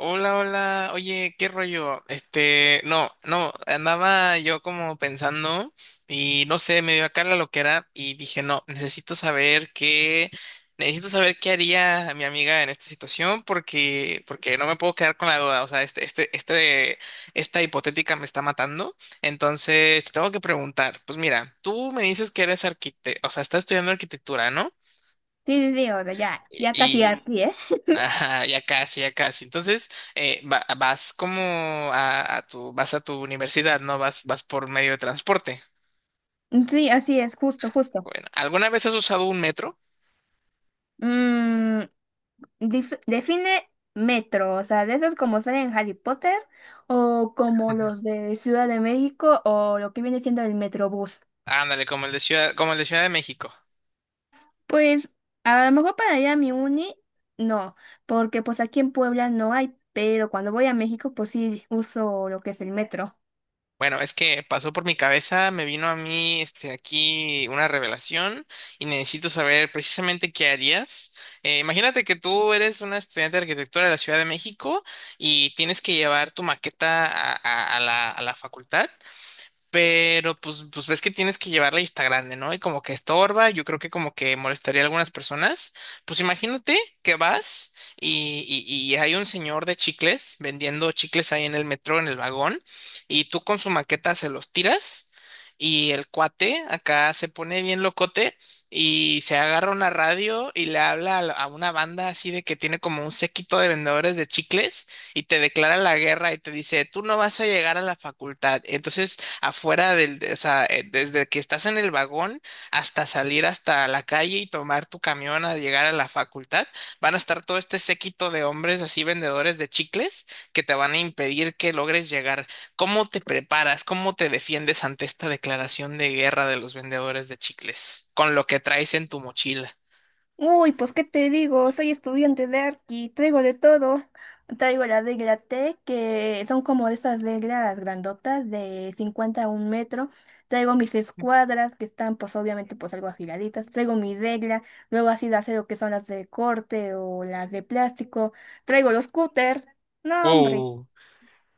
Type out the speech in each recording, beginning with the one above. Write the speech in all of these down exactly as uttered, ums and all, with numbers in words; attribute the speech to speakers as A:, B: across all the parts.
A: Hola, hola. Oye, ¿qué rollo? Este, no, no, andaba yo como pensando y no sé, me dio acá la loquera y dije, no, necesito saber qué, necesito saber qué haría mi amiga en esta situación porque, porque no me puedo quedar con la duda. O sea, este, este, este, esta hipotética me está matando. Entonces, te tengo que preguntar, pues mira, tú me dices que eres arquitecto, o sea, estás estudiando arquitectura, ¿no?
B: Sí, sí, sí, o sea, ya, ya casi
A: Y
B: aquí, pie.
A: ajá, ya casi, ya casi. Entonces, eh, va- vas como a, a tu, vas a tu universidad, ¿no? Vas, vas por medio de transporte.
B: Sí, así es, justo, justo.
A: Bueno, ¿alguna vez has usado un metro?
B: Mm, dif- define metro, o sea, de esos como salen en Harry Potter, o como
A: Ujú.
B: los de Ciudad de México, o lo que viene siendo el Metrobús.
A: Ándale, como el de Ciudad, como el de Ciudad de México.
B: Pues, a lo mejor para ir a mi uni, no, porque pues aquí en Puebla no hay, pero cuando voy a México, pues sí uso lo que es el metro.
A: Bueno, es que pasó por mi cabeza, me vino a mí este, aquí una revelación y necesito saber precisamente qué harías. Eh, imagínate que tú eres una estudiante de arquitectura de la Ciudad de México y tienes que llevar tu maqueta a, a- a la, a la facultad. Pero pues, pues ves que tienes que llevarla y está grande, ¿no? Y como que estorba, yo creo que como que molestaría a algunas personas. Pues imagínate que vas y, y, y hay un señor de chicles vendiendo chicles ahí en el metro, en el vagón, y tú con su maqueta se los tiras y el cuate acá se pone bien locote y se agarra una radio y le habla a, la- a una banda así de que tiene como un séquito de vendedores de chicles y te declara la guerra y te dice, tú no vas a llegar a la facultad. Entonces afuera del, de- o sea, eh, desde que estás en el vagón hasta salir hasta la calle y tomar tu camión a llegar a la facultad, van a estar todo este séquito de hombres así vendedores de chicles que te van a impedir que logres llegar. ¿Cómo te preparas? ¿Cómo te defiendes ante esta declaración de guerra de los vendedores de chicles con lo que traes en tu mochila?
B: Uy, pues qué te digo, soy estudiante de arqui, traigo de todo. Traigo la regla T, que son como de esas reglas grandotas de cincuenta a un metro. Traigo mis escuadras, que están pues obviamente pues algo afiladitas. Traigo mi regla, luego así de acero, que son las de corte o las de plástico. Traigo los cúter. No, hombre,
A: Uh,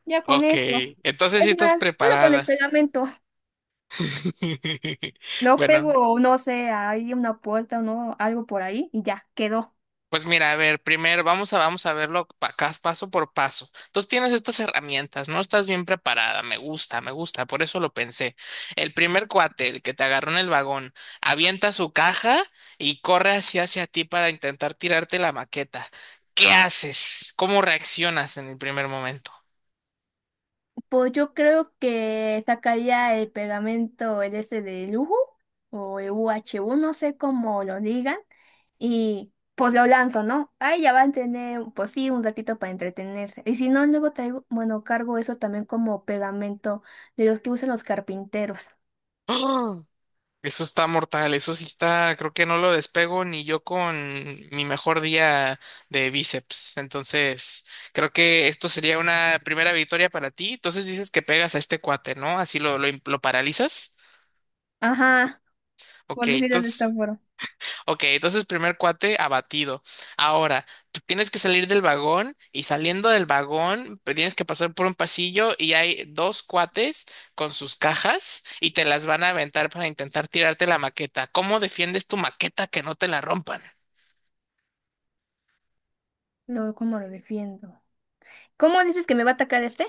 B: ya con
A: ok.
B: eso.
A: Entonces sí
B: Es
A: estás
B: más, solo con el
A: preparada.
B: pegamento. Lo
A: Bueno.
B: pego, no sé, hay una puerta o no, algo por ahí y ya, quedó.
A: Pues mira, a ver, primero vamos a, vamos a verlo pa- cas- paso por paso. Entonces tienes estas herramientas, ¿no? Estás bien preparada, me gusta, me gusta, por eso lo pensé. El primer cuate, el que te agarró en el vagón, avienta su caja y corre hacia, hacia ti para intentar tirarte la maqueta. ¿Qué haces? ¿Cómo reaccionas en el primer momento?
B: Pues yo creo que sacaría el pegamento, el ese de lujo, o el U H U, no sé cómo lo digan, y pues lo lanzo, ¿no? Ahí ya van a tener, pues sí, un ratito para entretenerse. Y si no, luego traigo, bueno, cargo eso también como pegamento de los que usan los carpinteros.
A: Eso está mortal, eso sí está, creo que no lo despego ni yo con mi mejor día de bíceps. Entonces, creo que esto sería una primera victoria para ti. Entonces dices que pegas a este cuate, ¿no? Así lo, lo, im- lo paralizas.
B: Ajá,
A: Ok,
B: por decirlo de esta
A: entonces.
B: forma.
A: Ok, entonces primer cuate abatido. Ahora, tú tienes que salir del vagón y saliendo del vagón pues, tienes que pasar por un pasillo y hay dos cuates con sus cajas y te las van a aventar para intentar tirarte la maqueta. ¿Cómo defiendes tu maqueta que no te la rompan?
B: Luego, ¿cómo lo defiendo? ¿Cómo dices que me va a atacar este?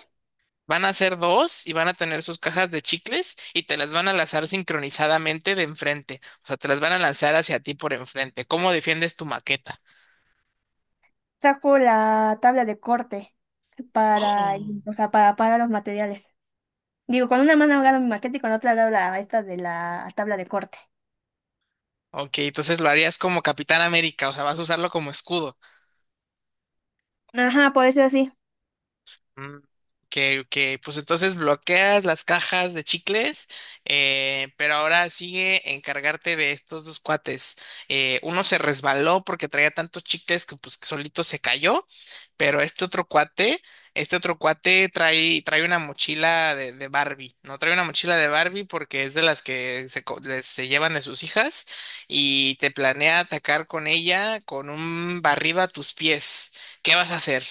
A: Van a ser dos y van a tener sus cajas de chicles y te las van a lanzar sincronizadamente de enfrente. O sea, te las van a lanzar hacia ti por enfrente. ¿Cómo defiendes tu maqueta?
B: Saco la tabla de corte para,
A: Oh.
B: o sea, para, para los materiales. Digo, con una mano hago mi maqueta y con la otra hago la, esta de la tabla de corte.
A: Ok, entonces lo harías como Capitán América, o sea, vas a usarlo como escudo.
B: Ajá, por eso es así.
A: Mm, Que, que pues entonces bloqueas las cajas de chicles, eh, pero ahora sigue encargarte de estos dos cuates. Eh, uno se resbaló porque traía tantos chicles que pues solito se cayó, pero este otro cuate, este otro cuate trae, trae una mochila de, de Barbie, ¿no? Trae una mochila de Barbie porque es de las que se, co- les- se llevan de sus hijas y te planea atacar con ella con un barriba a tus pies. ¿Qué vas a hacer?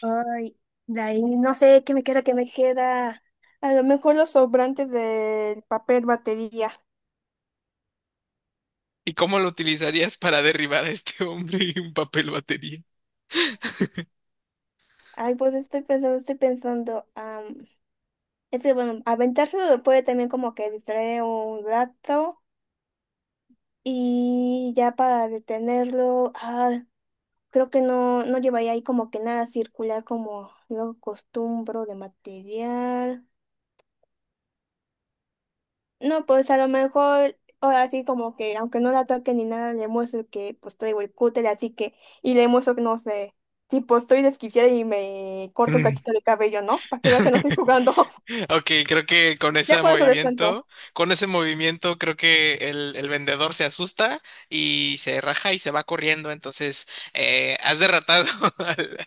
B: Ay, de ahí no sé qué me queda, qué me queda. A lo mejor los sobrantes del papel batería.
A: ¿Y cómo lo utilizarías para derribar a este hombre en un papel batería?
B: Ay, pues estoy pensando, estoy pensando. Am, es que bueno, aventárselo puede también como que distraer un rato. Y ya para detenerlo, ah, creo que no, no llevaría ahí como que nada circular como luego acostumbro de material. No, pues a lo mejor, ahora sí como que, aunque no la toque ni nada, le muestro que pues traigo el cúter, así que, y le muestro que no sé, tipo estoy desquiciada y me corto un
A: Mm.
B: cachito de cabello, ¿no? Para que vea que no estoy jugando.
A: Ok, creo que con
B: Ya
A: ese
B: con eso descanso.
A: movimiento, con ese movimiento, creo que el, el vendedor se asusta y se raja y se va corriendo. Entonces, eh, has derrotado al,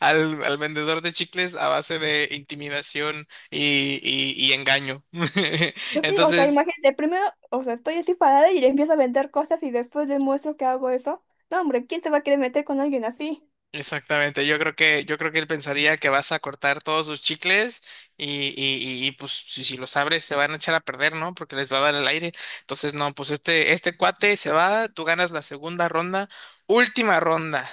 A: al- al vendedor de chicles a base de intimidación y, y- y engaño.
B: Pues sí, o sea,
A: Entonces,
B: imagínate, primero, o sea, estoy así parada y le empiezo a vender cosas y después le muestro que hago eso. No, hombre, ¿quién se va a querer meter con alguien así?
A: exactamente, yo creo que, yo creo que él pensaría que vas a cortar todos sus chicles y, y, y, y, pues si, si los abres se van a echar a perder, ¿no? Porque les va a dar el aire. Entonces, no, pues este, este cuate se va, tú ganas la segunda ronda, última ronda.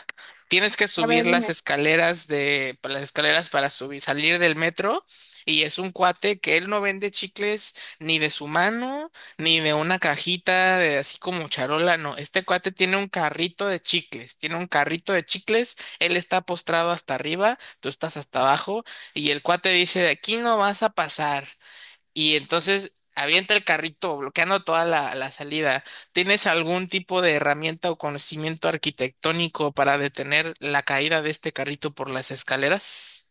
A: Tienes que
B: A ver,
A: subir las
B: dime.
A: escaleras de, pues, las escaleras para subir, salir del metro, y es un cuate que él no vende chicles ni de su mano, ni de una cajita de así como charola, no. Este cuate tiene un carrito de chicles, tiene un carrito de chicles él está postrado hasta arriba, tú estás hasta abajo, y el cuate dice, de aquí no vas a pasar. Y entonces avienta el carrito, bloqueando toda la, la salida. ¿Tienes algún tipo de herramienta o conocimiento arquitectónico para detener la caída de este carrito por las escaleras?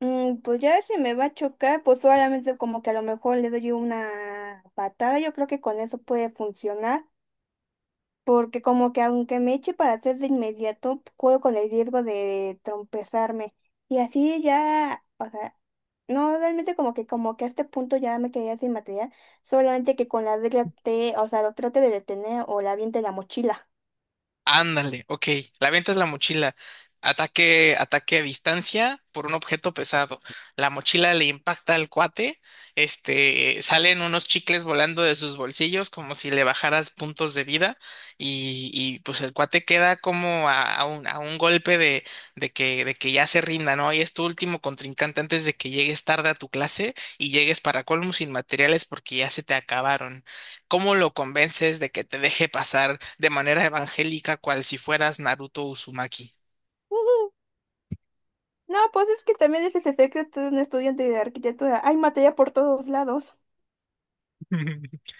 B: Mm, pues ya si me va a chocar, pues solamente como que a lo mejor le doy una patada, yo creo que con eso puede funcionar. Porque como que aunque me eche para atrás de inmediato, puedo con el riesgo de trompezarme. Y así ya, o sea, no realmente como que como que a este punto ya me quedé sin material, solamente que con la regla te, o sea, lo trate de detener o la aviente la mochila.
A: Ándale, ok. La venta es la mochila. Ataque, ataque a distancia por un objeto pesado. La mochila le impacta al cuate. Este, salen unos chicles volando de sus bolsillos como si le bajaras puntos de vida. Y, y, pues el cuate queda como a, a un, a un golpe de, de que, de que ya se rinda, ¿no? Y es tu último contrincante antes de que llegues tarde a tu clase y llegues para colmo sin materiales porque ya se te acabaron. ¿Cómo lo convences de que te deje pasar de manera evangélica cual si fueras Naruto Uzumaki?
B: Ujú. No, pues es que también ese es el secreto de un estudiante de arquitectura. Hay materia por todos lados.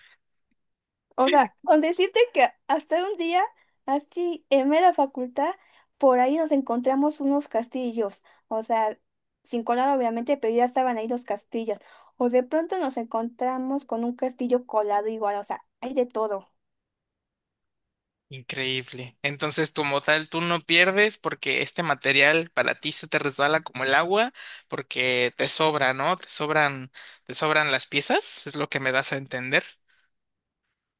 B: O sea, con decirte que hasta un día, así en mera facultad, por ahí nos encontramos unos castillos. O sea, sin colar obviamente, pero ya estaban ahí los castillos. O de pronto nos encontramos con un castillo colado igual, o sea, hay de todo.
A: Increíble. Entonces, como tal, tú no pierdes porque este material para ti se te resbala como el agua porque te sobra, ¿no? Te sobran, te sobran las piezas, es lo que me das a entender.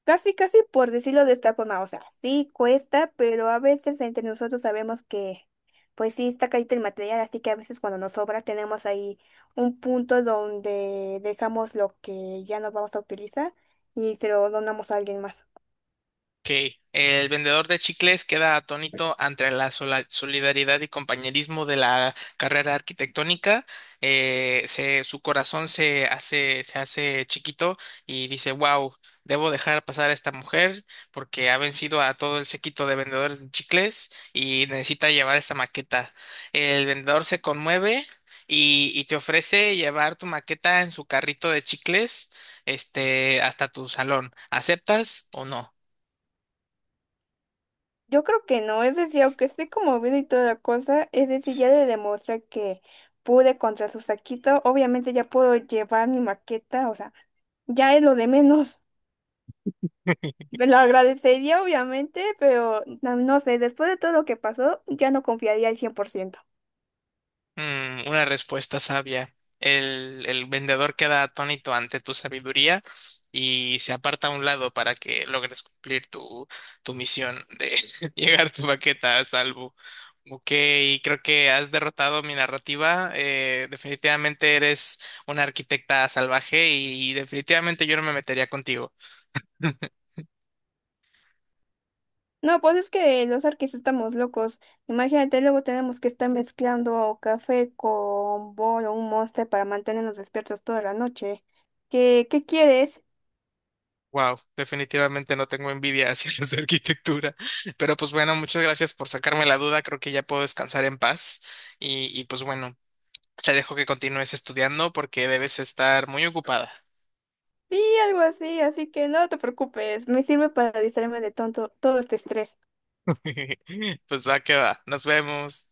B: Casi, casi por decirlo de esta forma, o sea, sí cuesta, pero a veces entre nosotros sabemos que, pues sí, está carito el material, así que a veces cuando nos sobra tenemos ahí un punto donde dejamos lo que ya no vamos a utilizar y se lo donamos a alguien más.
A: Ok. El vendedor de chicles queda atónito ante la sola- solidaridad y compañerismo de la carrera arquitectónica. Eh, se- su corazón se hace, se hace chiquito y dice, wow, debo dejar pasar a esta mujer porque ha vencido a todo el séquito de vendedores de chicles y necesita llevar esta maqueta. El vendedor se conmueve y, y te ofrece llevar tu maqueta en su carrito de chicles, este, hasta tu salón. ¿Aceptas o no?
B: Yo creo que no, es decir, aunque esté como bien y toda la cosa, es decir, ya le demostré que pude contra su saquito, obviamente ya puedo llevar mi maqueta, o sea, ya es lo de menos. Te lo agradecería, obviamente, pero no, no sé, después de todo lo que pasó, ya no confiaría al cien por ciento.
A: Mm, una respuesta sabia. El, el vendedor queda atónito ante tu sabiduría y se aparta a un lado para que logres cumplir tu, tu misión de llegar tu baqueta a salvo. Ok, creo que has derrotado mi narrativa. Eh, definitivamente eres una arquitecta salvaje y definitivamente yo no me metería contigo.
B: No, pues es que los arquis estamos locos. Imagínate, luego tenemos que estar mezclando café con bol o un monster para mantenernos despiertos toda la noche. ¿Qué, qué quieres?
A: Wow, definitivamente no tengo envidia hacia los de arquitectura. Pero pues bueno, muchas gracias por sacarme la duda. Creo que ya puedo descansar en paz. Y, y pues bueno, te dejo que continúes estudiando porque debes estar muy ocupada.
B: Sí, algo así, así que no te preocupes, me sirve para distraerme de tonto todo este estrés.
A: Pues va que va. Nos vemos.